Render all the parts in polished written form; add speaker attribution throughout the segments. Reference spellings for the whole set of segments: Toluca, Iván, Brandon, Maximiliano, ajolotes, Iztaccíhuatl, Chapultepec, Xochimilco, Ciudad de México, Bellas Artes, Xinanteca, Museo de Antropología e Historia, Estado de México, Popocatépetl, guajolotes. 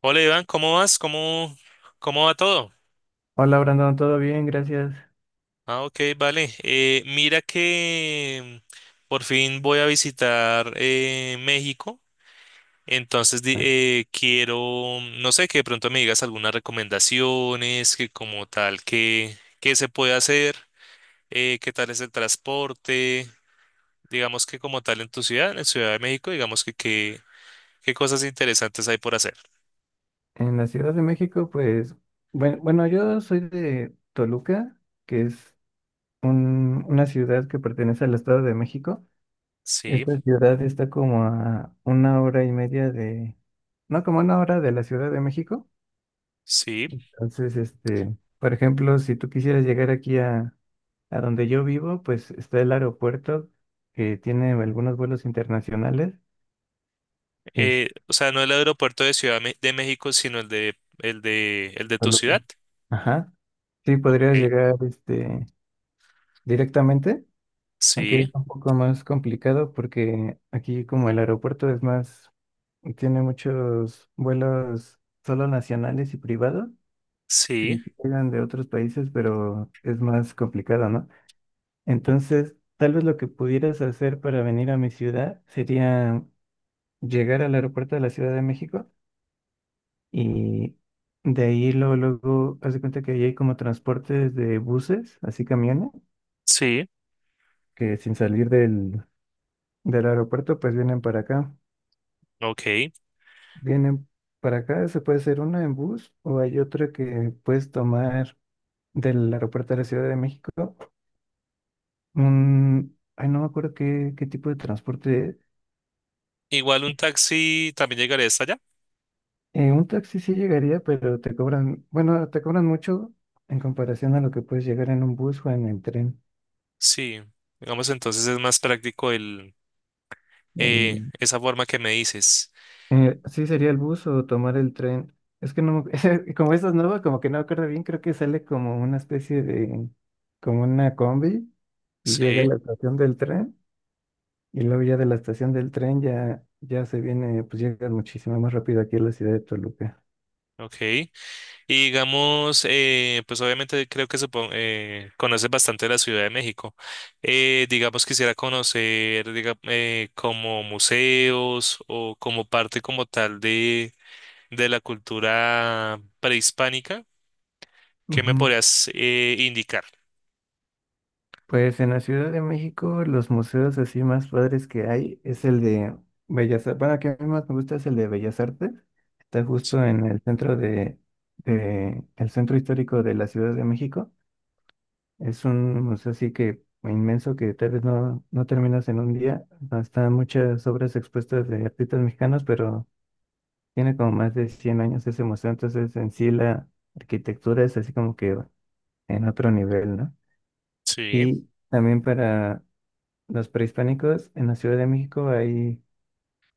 Speaker 1: Hola Iván, ¿cómo vas? ¿Cómo va todo?
Speaker 2: Hola Brandon, todo bien, gracias.
Speaker 1: Ah, ok, vale. Mira que por fin voy a visitar México, entonces quiero, no sé, que de pronto me digas algunas recomendaciones, que como tal, qué se puede hacer, qué tal es el transporte, digamos que como tal en tu ciudad, en Ciudad de México, digamos que qué cosas interesantes hay por hacer.
Speaker 2: En la Ciudad de México, pues, bueno, yo soy de Toluca, que es una ciudad que pertenece al Estado de México.
Speaker 1: Sí,
Speaker 2: Esta ciudad está como a una hora y media de, no, como una hora de la Ciudad de México.
Speaker 1: sí.
Speaker 2: Entonces, este, por ejemplo, si tú quisieras llegar aquí a donde yo vivo, pues está el aeropuerto que tiene algunos vuelos internacionales.
Speaker 1: O sea, no el aeropuerto de de México, sino el de
Speaker 2: a
Speaker 1: tu
Speaker 2: lo que-
Speaker 1: ciudad.
Speaker 2: Ajá. Sí, podrías
Speaker 1: Ok.
Speaker 2: llegar este, directamente, aunque es
Speaker 1: Sí,
Speaker 2: un poco más complicado porque aquí como el aeropuerto es más, tiene muchos vuelos solo nacionales y privados
Speaker 1: sí,
Speaker 2: y llegan de otros países, pero es más complicado, ¿no? Entonces, tal vez lo que pudieras hacer para venir a mi ciudad sería llegar al aeropuerto de la Ciudad de México. Y de ahí, luego, luego, haz de cuenta que ahí hay como transportes de buses, así camiones,
Speaker 1: sí.
Speaker 2: que sin salir del aeropuerto, pues vienen para acá.
Speaker 1: Ok.
Speaker 2: Vienen para acá, se puede hacer una en bus o hay otra que puedes tomar del aeropuerto de la Ciudad de México. Un, ay, no me acuerdo qué, qué tipo de transporte es.
Speaker 1: Igual un taxi también llegaría hasta allá.
Speaker 2: Un taxi sí llegaría, pero te cobran, bueno, te cobran mucho en comparación a lo que puedes llegar en un bus o en el tren.
Speaker 1: Sí. Digamos, entonces es más práctico el,
Speaker 2: El,
Speaker 1: esa forma que me dices.
Speaker 2: Sí, sería el bus o tomar el tren. Es que no, me- como esta es nueva, como que no me acuerdo bien, creo que sale como una especie de, como una combi y llega a
Speaker 1: Sí.
Speaker 2: la estación del tren y luego ya de la estación del tren ya, ya se viene, pues llega muchísimo más rápido aquí a la ciudad de Toluca.
Speaker 1: Ok. Y digamos, pues obviamente creo que conoces bastante la Ciudad de México. Digamos, quisiera conocer como museos o como parte como tal de la cultura prehispánica. ¿Qué me
Speaker 2: Ujú.
Speaker 1: podrías indicar?
Speaker 2: Pues en la Ciudad de México los museos así más padres que hay es el de Bellas Artes, bueno, que a mí más me gusta es el de Bellas Artes, está justo
Speaker 1: Sí,
Speaker 2: en el centro de el centro histórico de la Ciudad de México. Es un museo así que inmenso que tal vez no, no terminas en un día. Están muchas obras expuestas de artistas mexicanos, pero tiene como más de 100 años ese museo, entonces en sí la arquitectura es así como que en otro nivel, ¿no?
Speaker 1: sí,
Speaker 2: Y también para los prehispánicos, en la Ciudad de México hay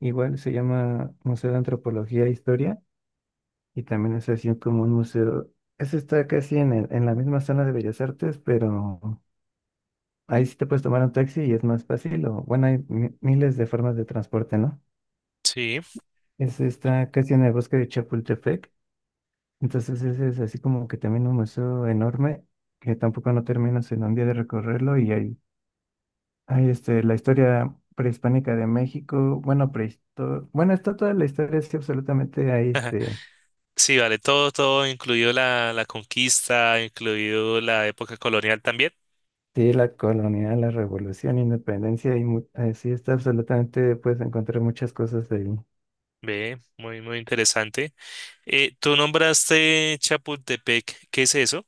Speaker 2: igual, se llama Museo de Antropología e Historia, y también es así como un museo. Ese está casi en la misma zona de Bellas Artes, pero ahí sí te puedes tomar un taxi y es más fácil, o bueno, hay miles de formas de transporte, ¿no?
Speaker 1: sí.
Speaker 2: Es, está casi en el bosque de Chapultepec, entonces ese es así como que también un museo enorme, que tampoco no terminas en un día de recorrerlo, y hay este, la historia prehispánica de México, bueno, bueno, está toda la historia, es que absolutamente ahí, este,
Speaker 1: Sí, vale, todo, todo, incluido la, la conquista, incluido la época colonial también.
Speaker 2: sí, la colonia, la revolución, independencia, y sí, está absolutamente, puedes encontrar muchas cosas ahí.
Speaker 1: Ve, muy, muy interesante. Tú nombraste Chapultepec, ¿qué es eso?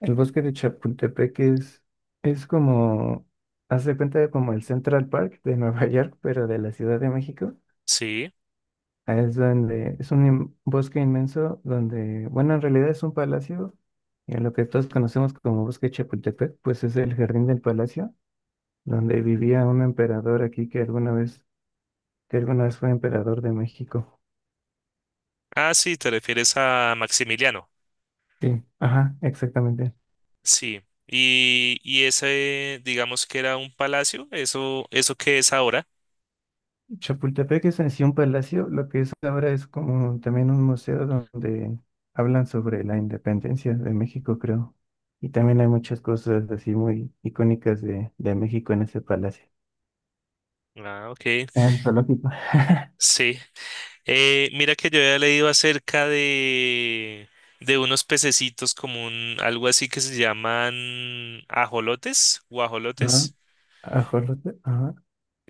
Speaker 2: El bosque de Chapultepec es como, haz de cuenta de como el Central Park de Nueva York, pero de la Ciudad de México.
Speaker 1: Sí.
Speaker 2: Ahí es donde, es un bosque inmenso donde, bueno, en realidad es un palacio, y lo que todos conocemos como bosque de Chapultepec, pues es el jardín del palacio, donde vivía un emperador aquí que alguna vez fue emperador de México.
Speaker 1: Ah, sí, te refieres a Maximiliano.
Speaker 2: Sí, ajá, exactamente.
Speaker 1: Sí. Y ese, digamos que era un palacio, eso que es ahora.
Speaker 2: Chapultepec es en sí un palacio, lo que es ahora es como también un museo donde hablan sobre la independencia de México, creo. Y también hay muchas cosas así muy icónicas de México en ese palacio.
Speaker 1: Ah, ok.
Speaker 2: En zoológico.
Speaker 1: Sí. Mira que yo había leído acerca de unos pececitos como un, algo así que se llaman ajolotes,
Speaker 2: Ajá.
Speaker 1: guajolotes,
Speaker 2: Ajolote, ajá.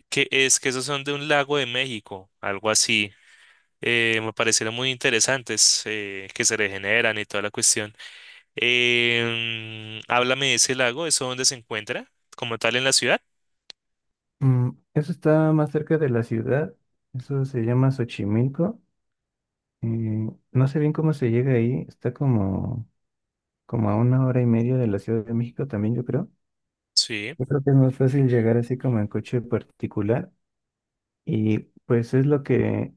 Speaker 1: que es que esos son de un lago de México, algo así. Me parecieron muy interesantes, que se regeneran y toda la cuestión. Háblame de ese lago, ¿eso dónde se encuentra? ¿Como tal en la ciudad?
Speaker 2: Mm, eso está más cerca de la ciudad, eso se llama Xochimilco. Eh, no sé bien cómo se llega ahí, está como, como a una hora y media de la Ciudad de México también, yo creo.
Speaker 1: Sí,
Speaker 2: Yo creo que es más fácil llegar así como en coche particular. Y pues es lo que,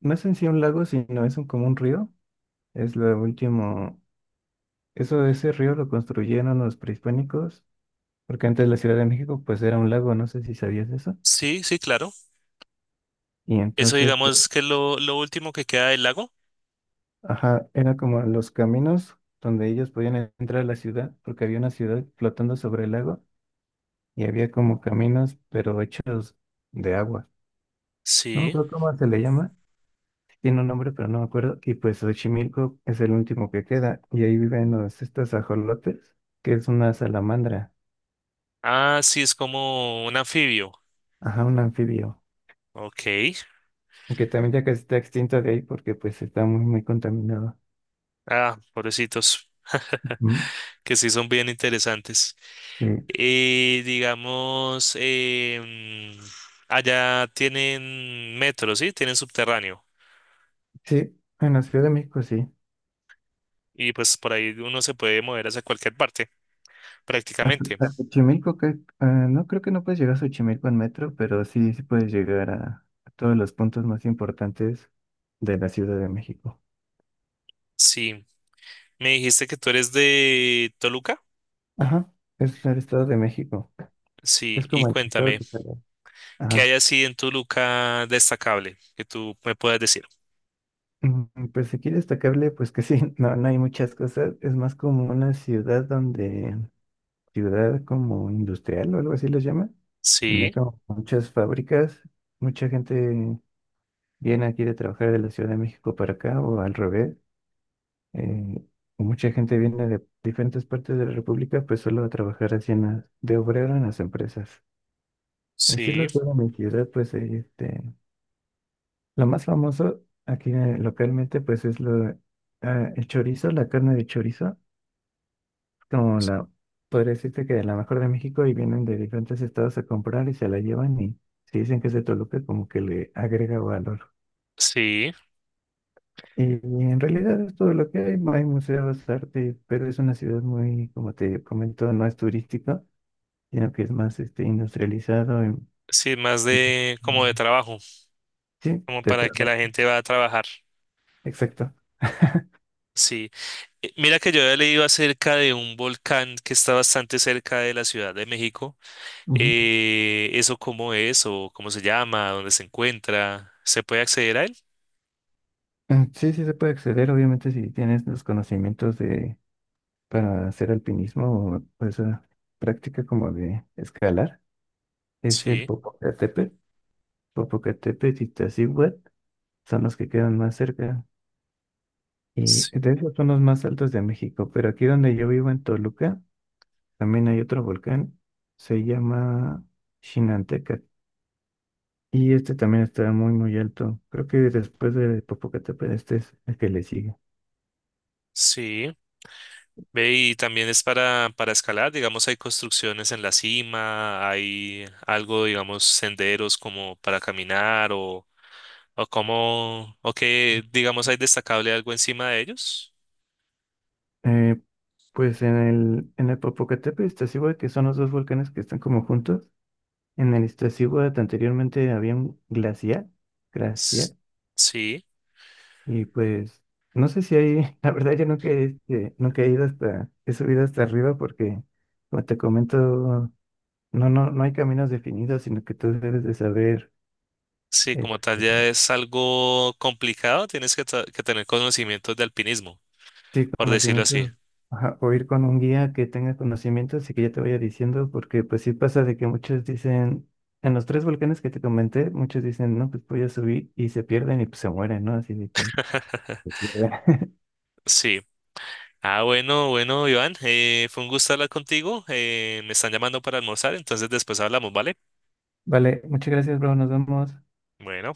Speaker 2: no es en sí un lago, sino es un, como un río. Es lo último, eso, ese río lo construyeron los prehispánicos, porque antes la Ciudad de México pues era un lago, no sé si sabías eso.
Speaker 1: sí, sí, claro.
Speaker 2: Y
Speaker 1: Eso
Speaker 2: entonces,
Speaker 1: digamos que es lo último que queda del lago.
Speaker 2: ajá, era como los caminos donde ellos podían entrar a la ciudad, porque había una ciudad flotando sobre el lago y había como caminos, pero hechos de agua. No me
Speaker 1: Sí.
Speaker 2: acuerdo cómo se le llama, tiene un nombre, pero no me acuerdo. Y pues Xochimilco es el último que queda. Y ahí viven los, estos ajolotes, que es una salamandra,
Speaker 1: Ah, sí, es como un anfibio.
Speaker 2: ajá, un anfibio.
Speaker 1: Ok.
Speaker 2: Aunque también ya que está extinto de ahí porque pues está muy, muy contaminado.
Speaker 1: Ah, pobrecitos.
Speaker 2: Ujú.
Speaker 1: Que sí son bien interesantes.
Speaker 2: Sí.
Speaker 1: Digamos, allá tienen metro, ¿sí? Tienen subterráneo.
Speaker 2: Sí, en la Ciudad de México sí.
Speaker 1: Y pues por ahí uno se puede mover hacia cualquier parte, prácticamente.
Speaker 2: A Xochimilco, que, ah, no creo que no puedes llegar a Xochimilco en metro, pero sí, sí puedes llegar a todos los puntos más importantes de la Ciudad de México.
Speaker 1: Sí. Me dijiste que tú eres de Toluca.
Speaker 2: Ajá, es el Estado de México.
Speaker 1: Sí,
Speaker 2: Es
Speaker 1: y
Speaker 2: como el Estado
Speaker 1: cuéntame,
Speaker 2: de Italia.
Speaker 1: ¿qué
Speaker 2: Ajá.
Speaker 1: hay así en Toluca destacable que tú me puedas decir?
Speaker 2: Mm, pues aquí destacable, pues que sí, no, no hay muchas cosas. Es más como una ciudad donde, ciudad como industrial o algo así les llama, donde
Speaker 1: Sí,
Speaker 2: hay como muchas fábricas, mucha gente viene aquí de trabajar de la Ciudad de México para acá o al revés. Eh, mucha gente viene de diferentes partes de la República, pues solo a trabajar así en las, de obrero en las empresas. En sí,
Speaker 1: sí,
Speaker 2: lo que era mi ciudad, pues ahí, este, lo más famoso aquí localmente, pues es lo, ah, el chorizo, la carne de chorizo, como la, podría decirte que la mejor de México y vienen de diferentes estados a comprar y se la llevan y si dicen que es de Toluca, como que le agrega valor.
Speaker 1: sí,
Speaker 2: Y, en realidad es todo lo que hay museos, arte, pero es una ciudad muy, como te comento, no es turística, sino que es más este, industrializado.
Speaker 1: sí, más
Speaker 2: Ujú.
Speaker 1: de como de trabajo,
Speaker 2: Sí,
Speaker 1: como
Speaker 2: te
Speaker 1: para que
Speaker 2: traba,
Speaker 1: la gente va a trabajar.
Speaker 2: exacto.
Speaker 1: Sí. Mira que yo había leído acerca de un volcán que está bastante cerca de la Ciudad de México. ¿Eso cómo es o cómo se llama? ¿Dónde se encuentra? ¿Se puede acceder a él?
Speaker 2: Ah, sí, sí se puede acceder, obviamente, si tienes los conocimientos de para hacer alpinismo o esa práctica como de escalar. Es el
Speaker 1: Sí,
Speaker 2: Popocatépetl, Popocatépetl y Tazíhuatl, son los que quedan más cerca. Y
Speaker 1: sí,
Speaker 2: de hecho son los más altos de México, pero aquí donde yo vivo en Toluca, también hay otro volcán, se llama Xinanteca. Y este también está muy, muy alto. Creo que después de Popocatépetl, este es el que le sigue.
Speaker 1: sí. Ve, y también es para escalar, digamos, hay construcciones en la cima, hay algo, digamos, senderos como para caminar o como, o que, digamos, hay destacable algo encima de ellos.
Speaker 2: Eh, pues en el Popocatépetl y Iztaccíhuatl, que son los dos volcanes que están como juntos, en el Iztaccíhuatl anteriormente había un glacial,
Speaker 1: S-
Speaker 2: glacial,
Speaker 1: Sí,
Speaker 2: y pues no sé si hay, la verdad yo nunca, he, este, nunca he ido hasta, he subido hasta arriba porque, como te comento, no, no, no hay caminos definidos, sino que tú debes de saber,
Speaker 1: sí, como tal
Speaker 2: este,
Speaker 1: ya es algo complicado, tienes que, que tener conocimientos de alpinismo,
Speaker 2: sí,
Speaker 1: por decirlo así.
Speaker 2: conocimiento, ajá, o ir con un guía que tenga conocimientos y que ya te vaya diciendo, porque pues sí pasa de que muchos dicen, en los tres volcanes que te comenté, muchos dicen, no, pues voy a subir y se pierden y pues se mueren, ¿no? Así de que...
Speaker 1: Sí. Ah, bueno, bueno, Iván, fue un gusto hablar contigo, me están llamando para almorzar, entonces después hablamos, ¿vale?
Speaker 2: Vale, muchas gracias, bro, nos vemos.
Speaker 1: Bueno.